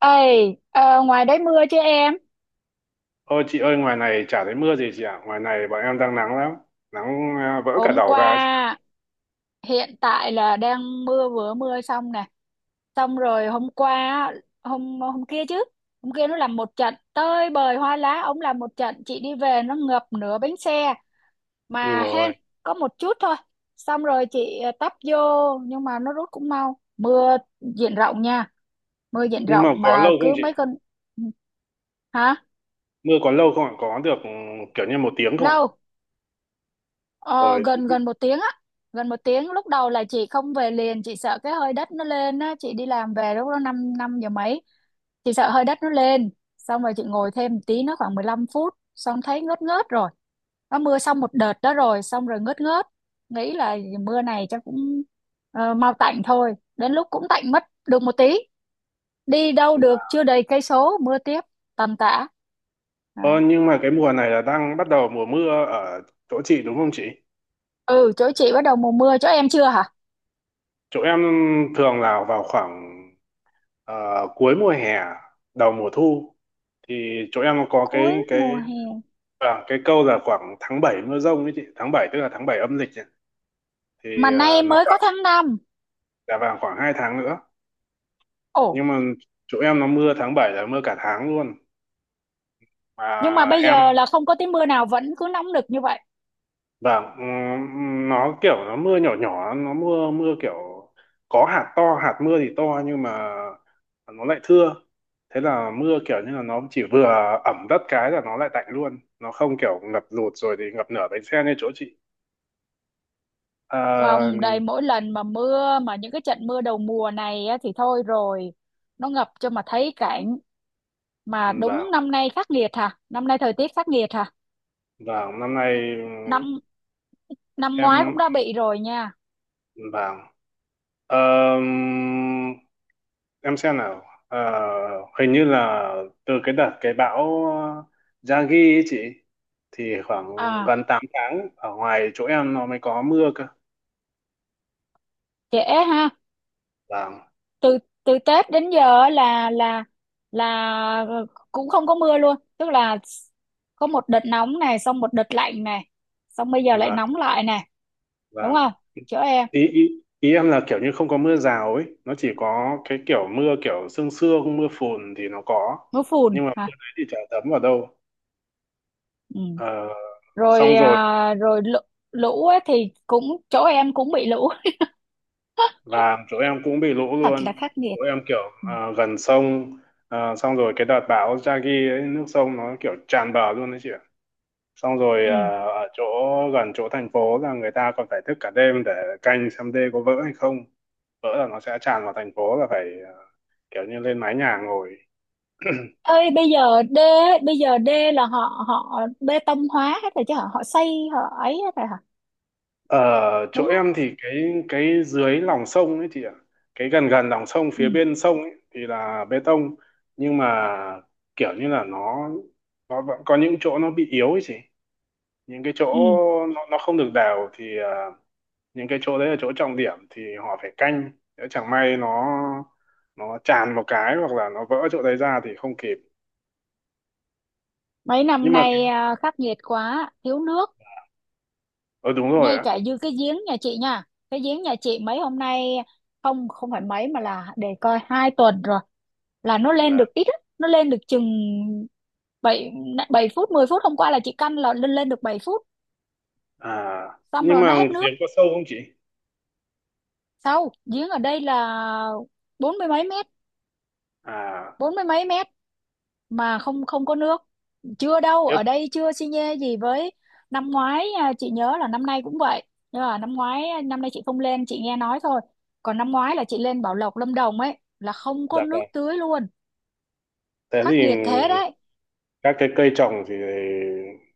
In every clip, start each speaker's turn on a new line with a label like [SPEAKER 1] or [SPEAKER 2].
[SPEAKER 1] Ê, ngoài đấy mưa chứ em?
[SPEAKER 2] Ôi chị ơi, ngoài này chả thấy mưa gì chị ạ. Ngoài này bọn em đang nắng lắm. Nắng à, vỡ cả
[SPEAKER 1] Hôm
[SPEAKER 2] đầu ra ấy chị ạ.
[SPEAKER 1] qua hiện tại là đang mưa vừa mưa xong nè. Xong rồi hôm qua hôm hôm kia chứ. Hôm kia nó làm một trận tơi bời hoa lá, ông làm một trận chị đi về nó ngập nửa bánh xe
[SPEAKER 2] Ui
[SPEAKER 1] mà hên
[SPEAKER 2] rồi.
[SPEAKER 1] có một chút thôi. Xong rồi chị tấp vô, nhưng mà nó rút cũng mau. Mưa diện rộng nha, mưa diện
[SPEAKER 2] Nhưng
[SPEAKER 1] rộng
[SPEAKER 2] mà có
[SPEAKER 1] mà
[SPEAKER 2] lâu không
[SPEAKER 1] cứ
[SPEAKER 2] chị?
[SPEAKER 1] mấy con. Hả?
[SPEAKER 2] Mưa có lâu không ạ? Có được kiểu như một tiếng không ạ?
[SPEAKER 1] Lâu. Ờ,
[SPEAKER 2] Ôi.
[SPEAKER 1] Gần gần một tiếng á, gần một tiếng. Lúc đầu là chị không về liền, chị sợ cái hơi đất nó lên á. Chị đi làm về lúc đó năm năm giờ mấy, chị sợ hơi đất nó lên, xong rồi chị ngồi thêm một tí, nó khoảng 15 phút xong thấy ngớt ngớt rồi. Nó mưa xong một đợt đó rồi, xong rồi ngớt ngớt, nghĩ là mưa này chắc cũng mau tạnh thôi. Đến lúc cũng tạnh mất được một tí, đi đâu được chưa đầy cây số mưa tiếp tầm tã. Đó.
[SPEAKER 2] Ờ, nhưng mà cái mùa này là đang bắt đầu mùa mưa ở chỗ chị đúng không chị?
[SPEAKER 1] Ừ, chỗ chị bắt đầu mùa mưa, chỗ em chưa hả?
[SPEAKER 2] Chỗ em thường là vào khoảng cuối mùa hè, đầu mùa thu. Thì chỗ em có
[SPEAKER 1] Cuối
[SPEAKER 2] cái
[SPEAKER 1] mùa hè,
[SPEAKER 2] cái câu là khoảng tháng 7 mưa dông ấy chị. Tháng 7 tức là tháng 7 âm lịch. Ấy. Thì
[SPEAKER 1] mà nay
[SPEAKER 2] nó
[SPEAKER 1] mới có
[SPEAKER 2] khoảng
[SPEAKER 1] tháng năm.
[SPEAKER 2] là vào khoảng 2 tháng nữa,
[SPEAKER 1] Ồ,
[SPEAKER 2] nhưng mà chỗ em nó mưa tháng 7 là mưa cả tháng luôn
[SPEAKER 1] nhưng mà
[SPEAKER 2] mà.
[SPEAKER 1] bây
[SPEAKER 2] Em
[SPEAKER 1] giờ là không có tí mưa nào vẫn cứ nóng nực như vậy.
[SPEAKER 2] vâng. Nó kiểu nó mưa nhỏ nhỏ, nó mưa mưa kiểu có hạt to, hạt mưa thì to nhưng mà nó lại thưa. Thế là mưa kiểu như là nó chỉ vừa ẩm đất cái là nó lại tạnh luôn, nó không kiểu ngập lụt rồi thì ngập nửa bánh xe như chỗ chị. à,
[SPEAKER 1] Không, đây mỗi lần mà mưa mà những cái trận mưa đầu mùa này á, thì thôi rồi, nó ngập cho mà thấy cảnh. Mà đúng
[SPEAKER 2] vâng,
[SPEAKER 1] năm nay khắc nghiệt hả, năm nay thời tiết khắc nghiệt hả?
[SPEAKER 2] vâng năm nay
[SPEAKER 1] Năm, năm ngoái cũng
[SPEAKER 2] em
[SPEAKER 1] đã bị rồi nha.
[SPEAKER 2] vâng. Ờm, em xem nào. Ờ, hình như là từ cái đợt cái bão Yagi ấy chị thì khoảng
[SPEAKER 1] À,
[SPEAKER 2] gần 8 tháng ở ngoài chỗ em nó mới có mưa cơ.
[SPEAKER 1] trễ ha.
[SPEAKER 2] Vâng,
[SPEAKER 1] Từ, từ Tết đến giờ á là cũng không có mưa luôn, tức là có một đợt nóng này, xong một đợt lạnh này, xong bây giờ lại
[SPEAKER 2] vâng,
[SPEAKER 1] nóng lại này. Đúng
[SPEAKER 2] vâng.
[SPEAKER 1] không? Chỗ em
[SPEAKER 2] Ý, ý ý em là kiểu như không có mưa rào ấy, nó chỉ có cái kiểu mưa kiểu sương sương, mưa phùn thì nó có
[SPEAKER 1] mưa phùn
[SPEAKER 2] nhưng mà mưa
[SPEAKER 1] hả?
[SPEAKER 2] đấy thì chả thấm vào đâu.
[SPEAKER 1] Ừ.
[SPEAKER 2] Ờ,
[SPEAKER 1] Rồi
[SPEAKER 2] xong rồi
[SPEAKER 1] rồi lũ, lũ ấy thì cũng chỗ em cũng bị lũ.
[SPEAKER 2] và chỗ em cũng bị lũ
[SPEAKER 1] Thật
[SPEAKER 2] luôn.
[SPEAKER 1] là khắc nghiệt.
[SPEAKER 2] Chỗ em kiểu
[SPEAKER 1] Ừ.
[SPEAKER 2] gần sông. Xong rồi cái đợt bão Yagi ấy nước sông nó kiểu tràn bờ luôn đấy chị ạ. Xong rồi
[SPEAKER 1] Ừ.
[SPEAKER 2] ở chỗ gần chỗ thành phố là người ta còn phải thức cả đêm để canh xem đê có vỡ hay không, vỡ là nó sẽ tràn vào thành phố là phải kiểu như lên mái nhà ngồi.
[SPEAKER 1] Ơi, bây giờ đê, bây giờ đê là họ họ bê tông hóa hết rồi chứ hả, họ xây họ ấy hết rồi hả?
[SPEAKER 2] Ở chỗ
[SPEAKER 1] Đúng không?
[SPEAKER 2] em thì cái dưới lòng sông ấy chị ạ, cái gần gần lòng sông
[SPEAKER 1] Ừ.
[SPEAKER 2] phía bên sông ấy thì là bê tông, nhưng mà kiểu như là nó vẫn có những chỗ nó bị yếu ấy chị, những cái chỗ
[SPEAKER 1] Ừ.
[SPEAKER 2] nó không được đều thì những cái chỗ đấy là chỗ trọng điểm thì họ phải canh, nếu chẳng may nó tràn một cái hoặc là nó vỡ chỗ đấy ra thì không kịp.
[SPEAKER 1] Mấy
[SPEAKER 2] Nhưng
[SPEAKER 1] năm
[SPEAKER 2] mà
[SPEAKER 1] nay khắc nghiệt quá, thiếu nước,
[SPEAKER 2] ờ đúng rồi
[SPEAKER 1] ngay
[SPEAKER 2] á.
[SPEAKER 1] cả như cái giếng nhà chị nha. Cái giếng nhà chị mấy hôm nay không không phải mấy mà là để coi hai tuần rồi là nó lên
[SPEAKER 2] Vâng.
[SPEAKER 1] được ít á, nó lên được chừng bảy, 7 phút 10 phút. Hôm qua là chị căn là lên lên được 7 phút,
[SPEAKER 2] À
[SPEAKER 1] xong
[SPEAKER 2] nhưng
[SPEAKER 1] rồi nó
[SPEAKER 2] mà
[SPEAKER 1] hết nước.
[SPEAKER 2] giếng có sâu không chị?
[SPEAKER 1] Sau giếng ở đây là bốn mươi mấy mét,
[SPEAKER 2] À
[SPEAKER 1] bốn mươi mấy mét mà không không có nước. Chưa đâu,
[SPEAKER 2] tiếp.
[SPEAKER 1] ở đây chưa xi nhê gì với năm ngoái. Chị nhớ là năm nay cũng vậy, nhưng mà năm ngoái năm nay chị không lên, chị nghe nói thôi. Còn năm ngoái là chị lên Bảo Lộc Lâm Đồng ấy là không có
[SPEAKER 2] Dạ vâng.
[SPEAKER 1] nước tưới luôn.
[SPEAKER 2] Thế thì
[SPEAKER 1] Khắc nghiệt thế đấy.
[SPEAKER 2] các cái cây trồng thì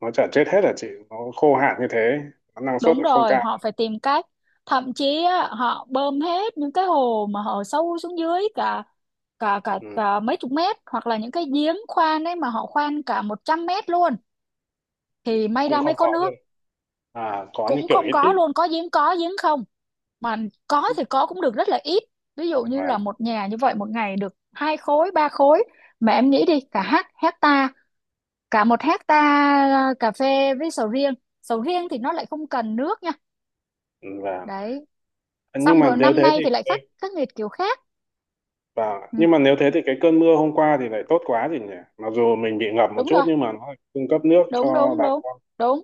[SPEAKER 2] nó chả chết hết hả chị, nó khô hạn như thế nó năng suất
[SPEAKER 1] Đúng
[SPEAKER 2] lại không
[SPEAKER 1] rồi,
[SPEAKER 2] cao.
[SPEAKER 1] họ phải tìm cách. Thậm chí á, họ bơm hết những cái hồ mà họ sâu xuống dưới cả cả cả,
[SPEAKER 2] Ừ.
[SPEAKER 1] cả mấy chục mét, hoặc là những cái giếng khoan ấy mà họ khoan cả 100 mét luôn thì may
[SPEAKER 2] Cũng
[SPEAKER 1] ra
[SPEAKER 2] không
[SPEAKER 1] mới có
[SPEAKER 2] có, nhưng
[SPEAKER 1] nước.
[SPEAKER 2] có như
[SPEAKER 1] Cũng
[SPEAKER 2] kiểu
[SPEAKER 1] không
[SPEAKER 2] ít
[SPEAKER 1] có
[SPEAKER 2] ít.
[SPEAKER 1] luôn, có giếng không, mà có thì có cũng được rất là ít. Ví dụ như là
[SPEAKER 2] và
[SPEAKER 1] một nhà như vậy một ngày được hai khối ba khối, mà em nghĩ đi cả hát hecta, cả một hecta cà phê với sầu riêng. Sầu riêng thì nó lại không cần nước nha.
[SPEAKER 2] và
[SPEAKER 1] Đấy.
[SPEAKER 2] nhưng
[SPEAKER 1] Xong
[SPEAKER 2] mà
[SPEAKER 1] rồi
[SPEAKER 2] nếu
[SPEAKER 1] năm
[SPEAKER 2] thế
[SPEAKER 1] nay
[SPEAKER 2] thì
[SPEAKER 1] thì lại
[SPEAKER 2] cái
[SPEAKER 1] khắc khắc nghiệt kiểu khác. Ừ,
[SPEAKER 2] nhưng mà nếu thế thì cái cơn mưa hôm qua thì lại tốt quá gì nhỉ, mặc dù mình bị ngập một
[SPEAKER 1] đúng
[SPEAKER 2] chút
[SPEAKER 1] rồi.
[SPEAKER 2] nhưng mà nó lại cung cấp nước
[SPEAKER 1] đúng
[SPEAKER 2] cho
[SPEAKER 1] đúng
[SPEAKER 2] bà
[SPEAKER 1] đúng
[SPEAKER 2] con.
[SPEAKER 1] Đúng.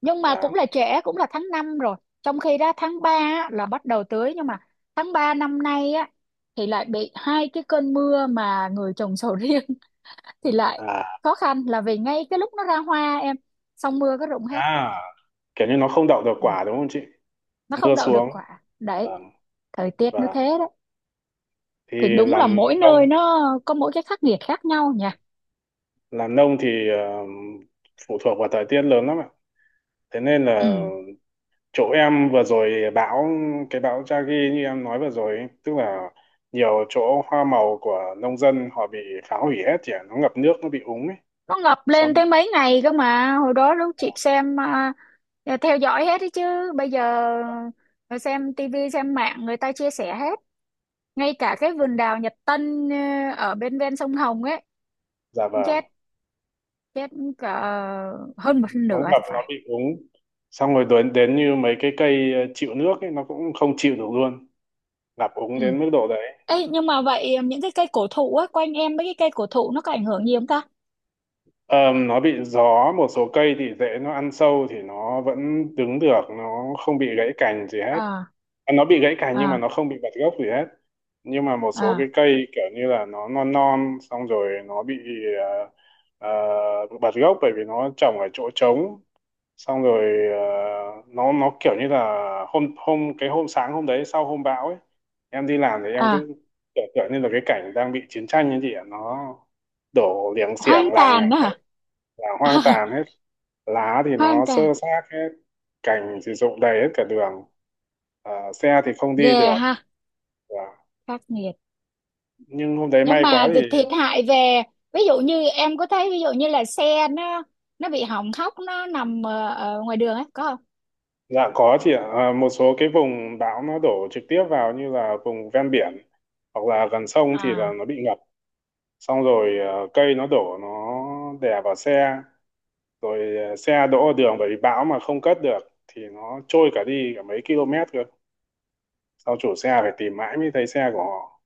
[SPEAKER 1] Nhưng mà cũng
[SPEAKER 2] Và
[SPEAKER 1] là trễ, cũng là tháng 5 rồi. Trong khi đó tháng 3 là bắt đầu tưới, nhưng mà tháng 3 năm nay á thì lại bị hai cái cơn mưa, mà người trồng sầu riêng thì lại
[SPEAKER 2] à,
[SPEAKER 1] khó khăn là vì ngay cái lúc nó ra hoa em, xong mưa cái rụng hết.
[SPEAKER 2] à kiểu như nó không đậu được
[SPEAKER 1] Ừ.
[SPEAKER 2] quả đúng không chị?
[SPEAKER 1] Nó không
[SPEAKER 2] Mưa
[SPEAKER 1] đậu
[SPEAKER 2] xuống.
[SPEAKER 1] được quả.
[SPEAKER 2] à,
[SPEAKER 1] Đấy, thời tiết nó
[SPEAKER 2] và
[SPEAKER 1] thế đấy.
[SPEAKER 2] thì
[SPEAKER 1] Thì đúng là
[SPEAKER 2] làm
[SPEAKER 1] mỗi
[SPEAKER 2] nông,
[SPEAKER 1] nơi nó có mỗi cái khắc nghiệt khác nhau nhỉ.
[SPEAKER 2] làm nông thì phụ thuộc vào thời tiết lớn lắm ạ. Thế nên là
[SPEAKER 1] Ừ.
[SPEAKER 2] chỗ em vừa rồi bão, cái bão Yagi như em nói vừa rồi ấy, tức là nhiều chỗ hoa màu của nông dân họ bị phá hủy hết thì nó ngập nước, nó bị úng ấy.
[SPEAKER 1] Nó ngập lên
[SPEAKER 2] Xong
[SPEAKER 1] tới mấy ngày cơ mà. Hồi đó lúc chị xem theo dõi hết đấy chứ. Bây giờ xem tivi xem mạng người ta chia sẻ hết. Ngay cả cái vườn đào Nhật Tân ở bên ven sông Hồng ấy,
[SPEAKER 2] dạ vâng.
[SPEAKER 1] chết, chết cả hơn một
[SPEAKER 2] Nó
[SPEAKER 1] nửa
[SPEAKER 2] ngập
[SPEAKER 1] thì
[SPEAKER 2] nó
[SPEAKER 1] phải.
[SPEAKER 2] bị úng, xong rồi đến đến như mấy cái cây chịu nước ấy nó cũng không chịu được luôn, ngập úng
[SPEAKER 1] Ừ.
[SPEAKER 2] đến mức độ đấy.
[SPEAKER 1] Ê, nhưng mà vậy những cái cây cổ thụ á, quanh em mấy cái cây cổ thụ nó có ảnh hưởng gì không ta?
[SPEAKER 2] Ờ, nó bị gió, một số cây thì rễ nó ăn sâu thì nó vẫn đứng được, nó không bị gãy cành gì hết.
[SPEAKER 1] À,
[SPEAKER 2] À, nó bị gãy cành nhưng mà
[SPEAKER 1] à,
[SPEAKER 2] nó không bị bật gốc gì hết. Nhưng mà một số cái
[SPEAKER 1] à,
[SPEAKER 2] cây kiểu như là nó non non xong rồi nó bị ờ, bật gốc bởi vì nó trồng ở chỗ trống. Xong rồi nó kiểu như là hôm hôm cái hôm sáng hôm đấy sau hôm bão ấy, em đi làm thì em
[SPEAKER 1] à,
[SPEAKER 2] cứ kiểu kiểu như là cái cảnh đang bị chiến tranh như chị ạ, nó đổ liềng xiềng
[SPEAKER 1] hoang
[SPEAKER 2] làng ngả
[SPEAKER 1] tàn đó
[SPEAKER 2] hết,
[SPEAKER 1] hả?
[SPEAKER 2] là hoang tàn hết. Lá thì
[SPEAKER 1] Hoang
[SPEAKER 2] nó xơ
[SPEAKER 1] tàn.
[SPEAKER 2] xác hết, cành thì rụng đầy hết cả đường. Ờ, xe thì không đi
[SPEAKER 1] Yeah
[SPEAKER 2] được.
[SPEAKER 1] ha,
[SPEAKER 2] Và-
[SPEAKER 1] khắc nghiệt.
[SPEAKER 2] nhưng hôm đấy
[SPEAKER 1] Nhưng
[SPEAKER 2] may quá
[SPEAKER 1] mà thì
[SPEAKER 2] thì.
[SPEAKER 1] thiệt hại về, ví dụ như em có thấy ví dụ như là xe nó bị hỏng hóc nó nằm ở ngoài đường ấy, có không?
[SPEAKER 2] Dạ có chị ạ. À, một số cái vùng bão nó đổ trực tiếp vào như là vùng ven biển hoặc là gần sông thì là
[SPEAKER 1] À,
[SPEAKER 2] nó bị ngập. Xong rồi cây nó đổ nó đè vào xe, rồi xe đỗ ở đường bởi vì bão mà không cất được thì nó trôi cả đi cả mấy km cơ. Sau chủ xe phải tìm mãi mới thấy xe của họ.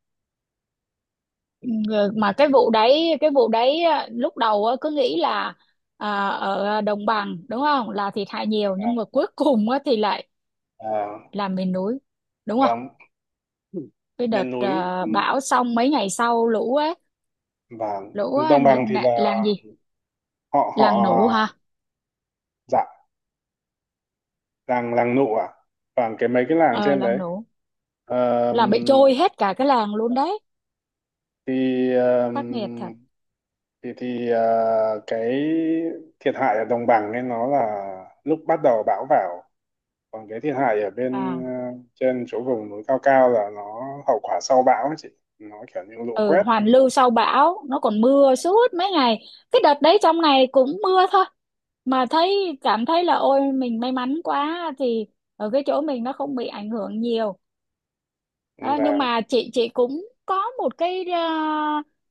[SPEAKER 1] ừ, mà cái vụ đấy lúc đầu cứ nghĩ là ở đồng bằng đúng không là thiệt hại nhiều, nhưng mà cuối cùng á thì lại
[SPEAKER 2] À,
[SPEAKER 1] là miền núi, đúng
[SPEAKER 2] và
[SPEAKER 1] không? Cái
[SPEAKER 2] miền
[SPEAKER 1] đợt
[SPEAKER 2] núi
[SPEAKER 1] bão xong mấy ngày sau lũ ấy,
[SPEAKER 2] và
[SPEAKER 1] lũ
[SPEAKER 2] đồng bằng thì là
[SPEAKER 1] làng gì,
[SPEAKER 2] họ họ
[SPEAKER 1] làng nủ hả?
[SPEAKER 2] dạ, làng làng nụ à và cái mấy cái làng
[SPEAKER 1] Ờ,
[SPEAKER 2] trên
[SPEAKER 1] làng
[SPEAKER 2] đấy.
[SPEAKER 1] nủ
[SPEAKER 2] Ờ,
[SPEAKER 1] là bị trôi hết cả cái làng luôn đấy.
[SPEAKER 2] thì
[SPEAKER 1] Khắc nghiệt thật.
[SPEAKER 2] thì cái thiệt hại ở đồng bằng ấy nó là lúc bắt đầu bão vào, còn cái thiệt hại ở bên
[SPEAKER 1] À,
[SPEAKER 2] trên chỗ vùng núi cao cao là nó hậu quả sau bão ấy chị, nó kiểu như lũ
[SPEAKER 1] ừ,
[SPEAKER 2] quét.
[SPEAKER 1] hoàn lưu sau bão nó còn mưa suốt mấy ngày. Cái đợt đấy trong ngày cũng mưa thôi, mà thấy cảm thấy là ôi mình may mắn quá thì ở cái chỗ mình nó không bị ảnh hưởng nhiều. Đó, nhưng
[SPEAKER 2] Và
[SPEAKER 1] mà chị cũng có một cái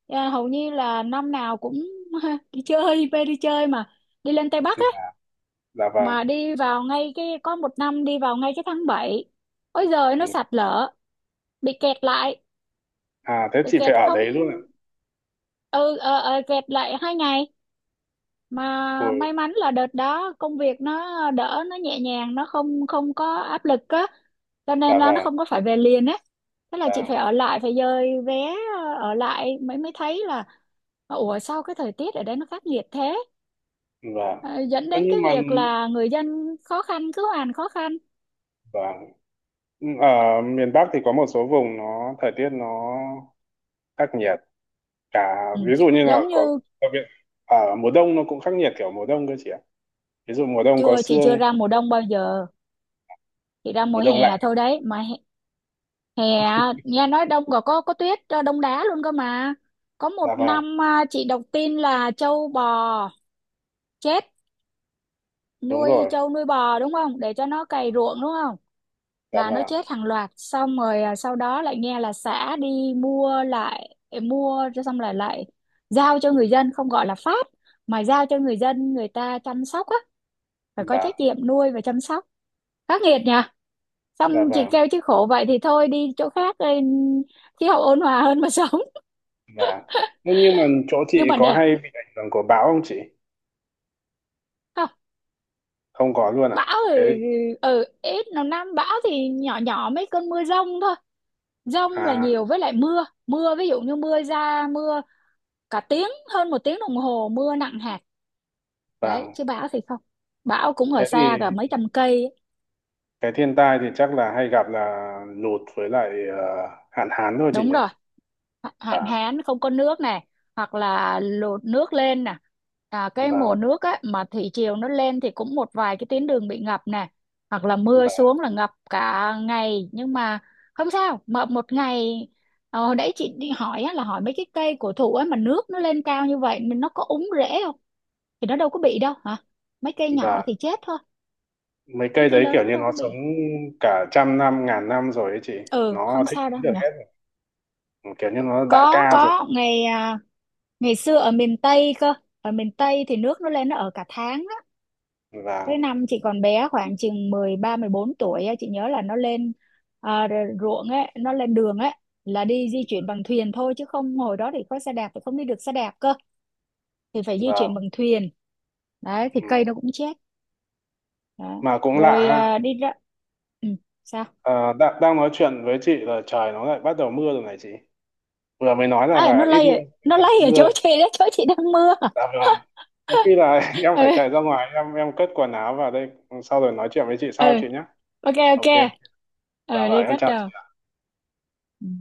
[SPEAKER 1] ờ, hầu như là năm nào cũng đi chơi về, đi chơi mà đi lên Tây Bắc á,
[SPEAKER 2] dạ vâng.
[SPEAKER 1] mà đi vào ngay cái có một năm đi vào ngay cái tháng 7, ôi giời
[SPEAKER 2] Ừ.
[SPEAKER 1] nó sạt lở, bị kẹt lại.
[SPEAKER 2] À thế
[SPEAKER 1] Bị
[SPEAKER 2] chị
[SPEAKER 1] kẹt
[SPEAKER 2] phải ở
[SPEAKER 1] không.
[SPEAKER 2] đấy luôn ạ?
[SPEAKER 1] Ừ, kẹt lại hai ngày, mà
[SPEAKER 2] Ôi,
[SPEAKER 1] may mắn là đợt đó công việc nó đỡ, nó nhẹ nhàng, nó không không có áp lực á, cho
[SPEAKER 2] dạ
[SPEAKER 1] nên là nó
[SPEAKER 2] vâng,
[SPEAKER 1] không có phải về liền á. Thế là
[SPEAKER 2] dạ
[SPEAKER 1] chị phải ở lại, phải dời vé, ở lại mới mới thấy là ủa sao cái thời tiết ở đây nó khắc nghiệt thế.
[SPEAKER 2] vâng.
[SPEAKER 1] Ờ, dẫn
[SPEAKER 2] Ơ,
[SPEAKER 1] đến cái
[SPEAKER 2] nhưng mà
[SPEAKER 1] việc là người dân khó khăn cứ hoàn khó khăn.
[SPEAKER 2] vâng, ở miền Bắc thì có một số vùng nó thời tiết nó khắc nghiệt cả,
[SPEAKER 1] Ừ.
[SPEAKER 2] ví dụ như là
[SPEAKER 1] Giống
[SPEAKER 2] có
[SPEAKER 1] như
[SPEAKER 2] đặc biệt ở mùa đông, nó cũng khắc nghiệt kiểu mùa đông cơ chị ạ. Ví dụ mùa đông có
[SPEAKER 1] chưa, chị chưa
[SPEAKER 2] sương,
[SPEAKER 1] ra mùa đông bao giờ, chị ra mùa
[SPEAKER 2] mùa đông
[SPEAKER 1] hè
[SPEAKER 2] lạnh.
[SPEAKER 1] thôi đấy mà. Hè. Nghe nói đông còn có tuyết đông đá luôn cơ mà. Có
[SPEAKER 2] Dạ
[SPEAKER 1] một
[SPEAKER 2] vàng.
[SPEAKER 1] năm chị đọc tin là trâu bò chết,
[SPEAKER 2] Đúng
[SPEAKER 1] nuôi
[SPEAKER 2] rồi.
[SPEAKER 1] trâu nuôi bò đúng không, để cho nó cày ruộng đúng không,
[SPEAKER 2] Dạ
[SPEAKER 1] là nó
[SPEAKER 2] vàng,
[SPEAKER 1] chết hàng loạt, xong rồi sau đó lại nghe là xã đi mua lại, mua cho xong lại lại giao cho người dân, không gọi là phát mà giao cho người dân, người ta chăm sóc á, phải có
[SPEAKER 2] vàng.
[SPEAKER 1] trách nhiệm nuôi và chăm sóc. Khắc nghiệt nhỉ.
[SPEAKER 2] Dạ
[SPEAKER 1] Xong chị
[SPEAKER 2] vàng,
[SPEAKER 1] kêu chứ khổ vậy thì thôi đi chỗ khác đi, khí hậu ôn hòa hơn mà sống.
[SPEAKER 2] vàng. Ơ, nhưng mà chỗ chị
[SPEAKER 1] Nhưng mà
[SPEAKER 2] có
[SPEAKER 1] đẹp.
[SPEAKER 2] hay bị ảnh hưởng của bão không chị?
[SPEAKER 1] Không.
[SPEAKER 2] Không có luôn ạ?
[SPEAKER 1] Bão ở,
[SPEAKER 2] Thế thì
[SPEAKER 1] ở ít, nào năm bão thì nhỏ nhỏ mấy cơn mưa dông thôi. Dông là
[SPEAKER 2] à
[SPEAKER 1] nhiều, với lại mưa, mưa ví dụ như mưa ra mưa cả tiếng, hơn một tiếng đồng hồ mưa nặng hạt.
[SPEAKER 2] vàng.
[SPEAKER 1] Đấy, chứ bão thì không, bão cũng ở
[SPEAKER 2] Thế
[SPEAKER 1] xa
[SPEAKER 2] thì
[SPEAKER 1] cả mấy trăm cây ấy.
[SPEAKER 2] cái thiên tai thì chắc là hay gặp là lụt với lại hạn hán thôi chị
[SPEAKER 1] Đúng
[SPEAKER 2] nhỉ.
[SPEAKER 1] rồi, hạn
[SPEAKER 2] Vàng,
[SPEAKER 1] hán không có nước này, hoặc là lụt nước lên nè. À, cái mùa
[SPEAKER 2] vàng,
[SPEAKER 1] nước á mà thủy triều nó lên thì cũng một vài cái tuyến đường bị ngập nè, hoặc là mưa
[SPEAKER 2] vàng,
[SPEAKER 1] xuống là ngập cả ngày, nhưng mà không sao, mà một ngày. Ờ, hồi nãy chị đi hỏi á, là hỏi mấy cái cây cổ thụ á mà nước nó lên cao như vậy mình nó có úng rễ không, thì nó đâu có bị đâu hả, mấy cây nhỏ
[SPEAKER 2] vàng.
[SPEAKER 1] thì chết thôi,
[SPEAKER 2] Mấy
[SPEAKER 1] mấy
[SPEAKER 2] cây
[SPEAKER 1] cây
[SPEAKER 2] đấy
[SPEAKER 1] lớn
[SPEAKER 2] kiểu
[SPEAKER 1] nó
[SPEAKER 2] như
[SPEAKER 1] đâu
[SPEAKER 2] nó
[SPEAKER 1] có
[SPEAKER 2] sống
[SPEAKER 1] bị.
[SPEAKER 2] cả trăm năm ngàn năm rồi ấy chị,
[SPEAKER 1] Ừ,
[SPEAKER 2] nó
[SPEAKER 1] không
[SPEAKER 2] thích
[SPEAKER 1] sao đâu
[SPEAKER 2] ứng được
[SPEAKER 1] nhỉ.
[SPEAKER 2] hết rồi. Kiểu như nó đại
[SPEAKER 1] có
[SPEAKER 2] ca rồi.
[SPEAKER 1] có ngày ngày xưa ở miền Tây cơ, ở miền Tây thì nước nó lên nó ở cả tháng á.
[SPEAKER 2] và
[SPEAKER 1] Cái năm chị còn bé khoảng chừng 13 14 tuổi á, chị nhớ là nó lên, ruộng ấy, nó lên đường ấy, là đi di chuyển bằng thuyền thôi, chứ không hồi đó thì có xe đạp thì không đi được xe đạp cơ, thì phải di
[SPEAKER 2] và
[SPEAKER 1] chuyển bằng thuyền. Đấy thì
[SPEAKER 2] ừ.
[SPEAKER 1] cây nó cũng chết. Đó.
[SPEAKER 2] Mà cũng lạ
[SPEAKER 1] Rồi
[SPEAKER 2] ha.
[SPEAKER 1] đi ra, ừ, sao?
[SPEAKER 2] Ờ, đang nói chuyện với chị là trời nó lại bắt đầu mưa rồi này chị, vừa mới nói là,
[SPEAKER 1] À, nó
[SPEAKER 2] là ít
[SPEAKER 1] lay
[SPEAKER 2] mưa
[SPEAKER 1] ở-, nó
[SPEAKER 2] là
[SPEAKER 1] lay ở
[SPEAKER 2] mưa
[SPEAKER 1] chỗ
[SPEAKER 2] rồi.
[SPEAKER 1] chị đó, chỗ chị đang mưa.
[SPEAKER 2] Dạ vâng, có khi là em phải
[SPEAKER 1] Ừ,
[SPEAKER 2] chạy ra ngoài em cất quần áo vào đây. Sau rồi nói chuyện với chị sau
[SPEAKER 1] ừ.
[SPEAKER 2] chị nhé.
[SPEAKER 1] Ok
[SPEAKER 2] Ok.
[SPEAKER 1] ok.
[SPEAKER 2] Dạ
[SPEAKER 1] Ờ
[SPEAKER 2] vâng
[SPEAKER 1] đi
[SPEAKER 2] em
[SPEAKER 1] cắt
[SPEAKER 2] chào
[SPEAKER 1] đầu.
[SPEAKER 2] chị.
[SPEAKER 1] Ừ.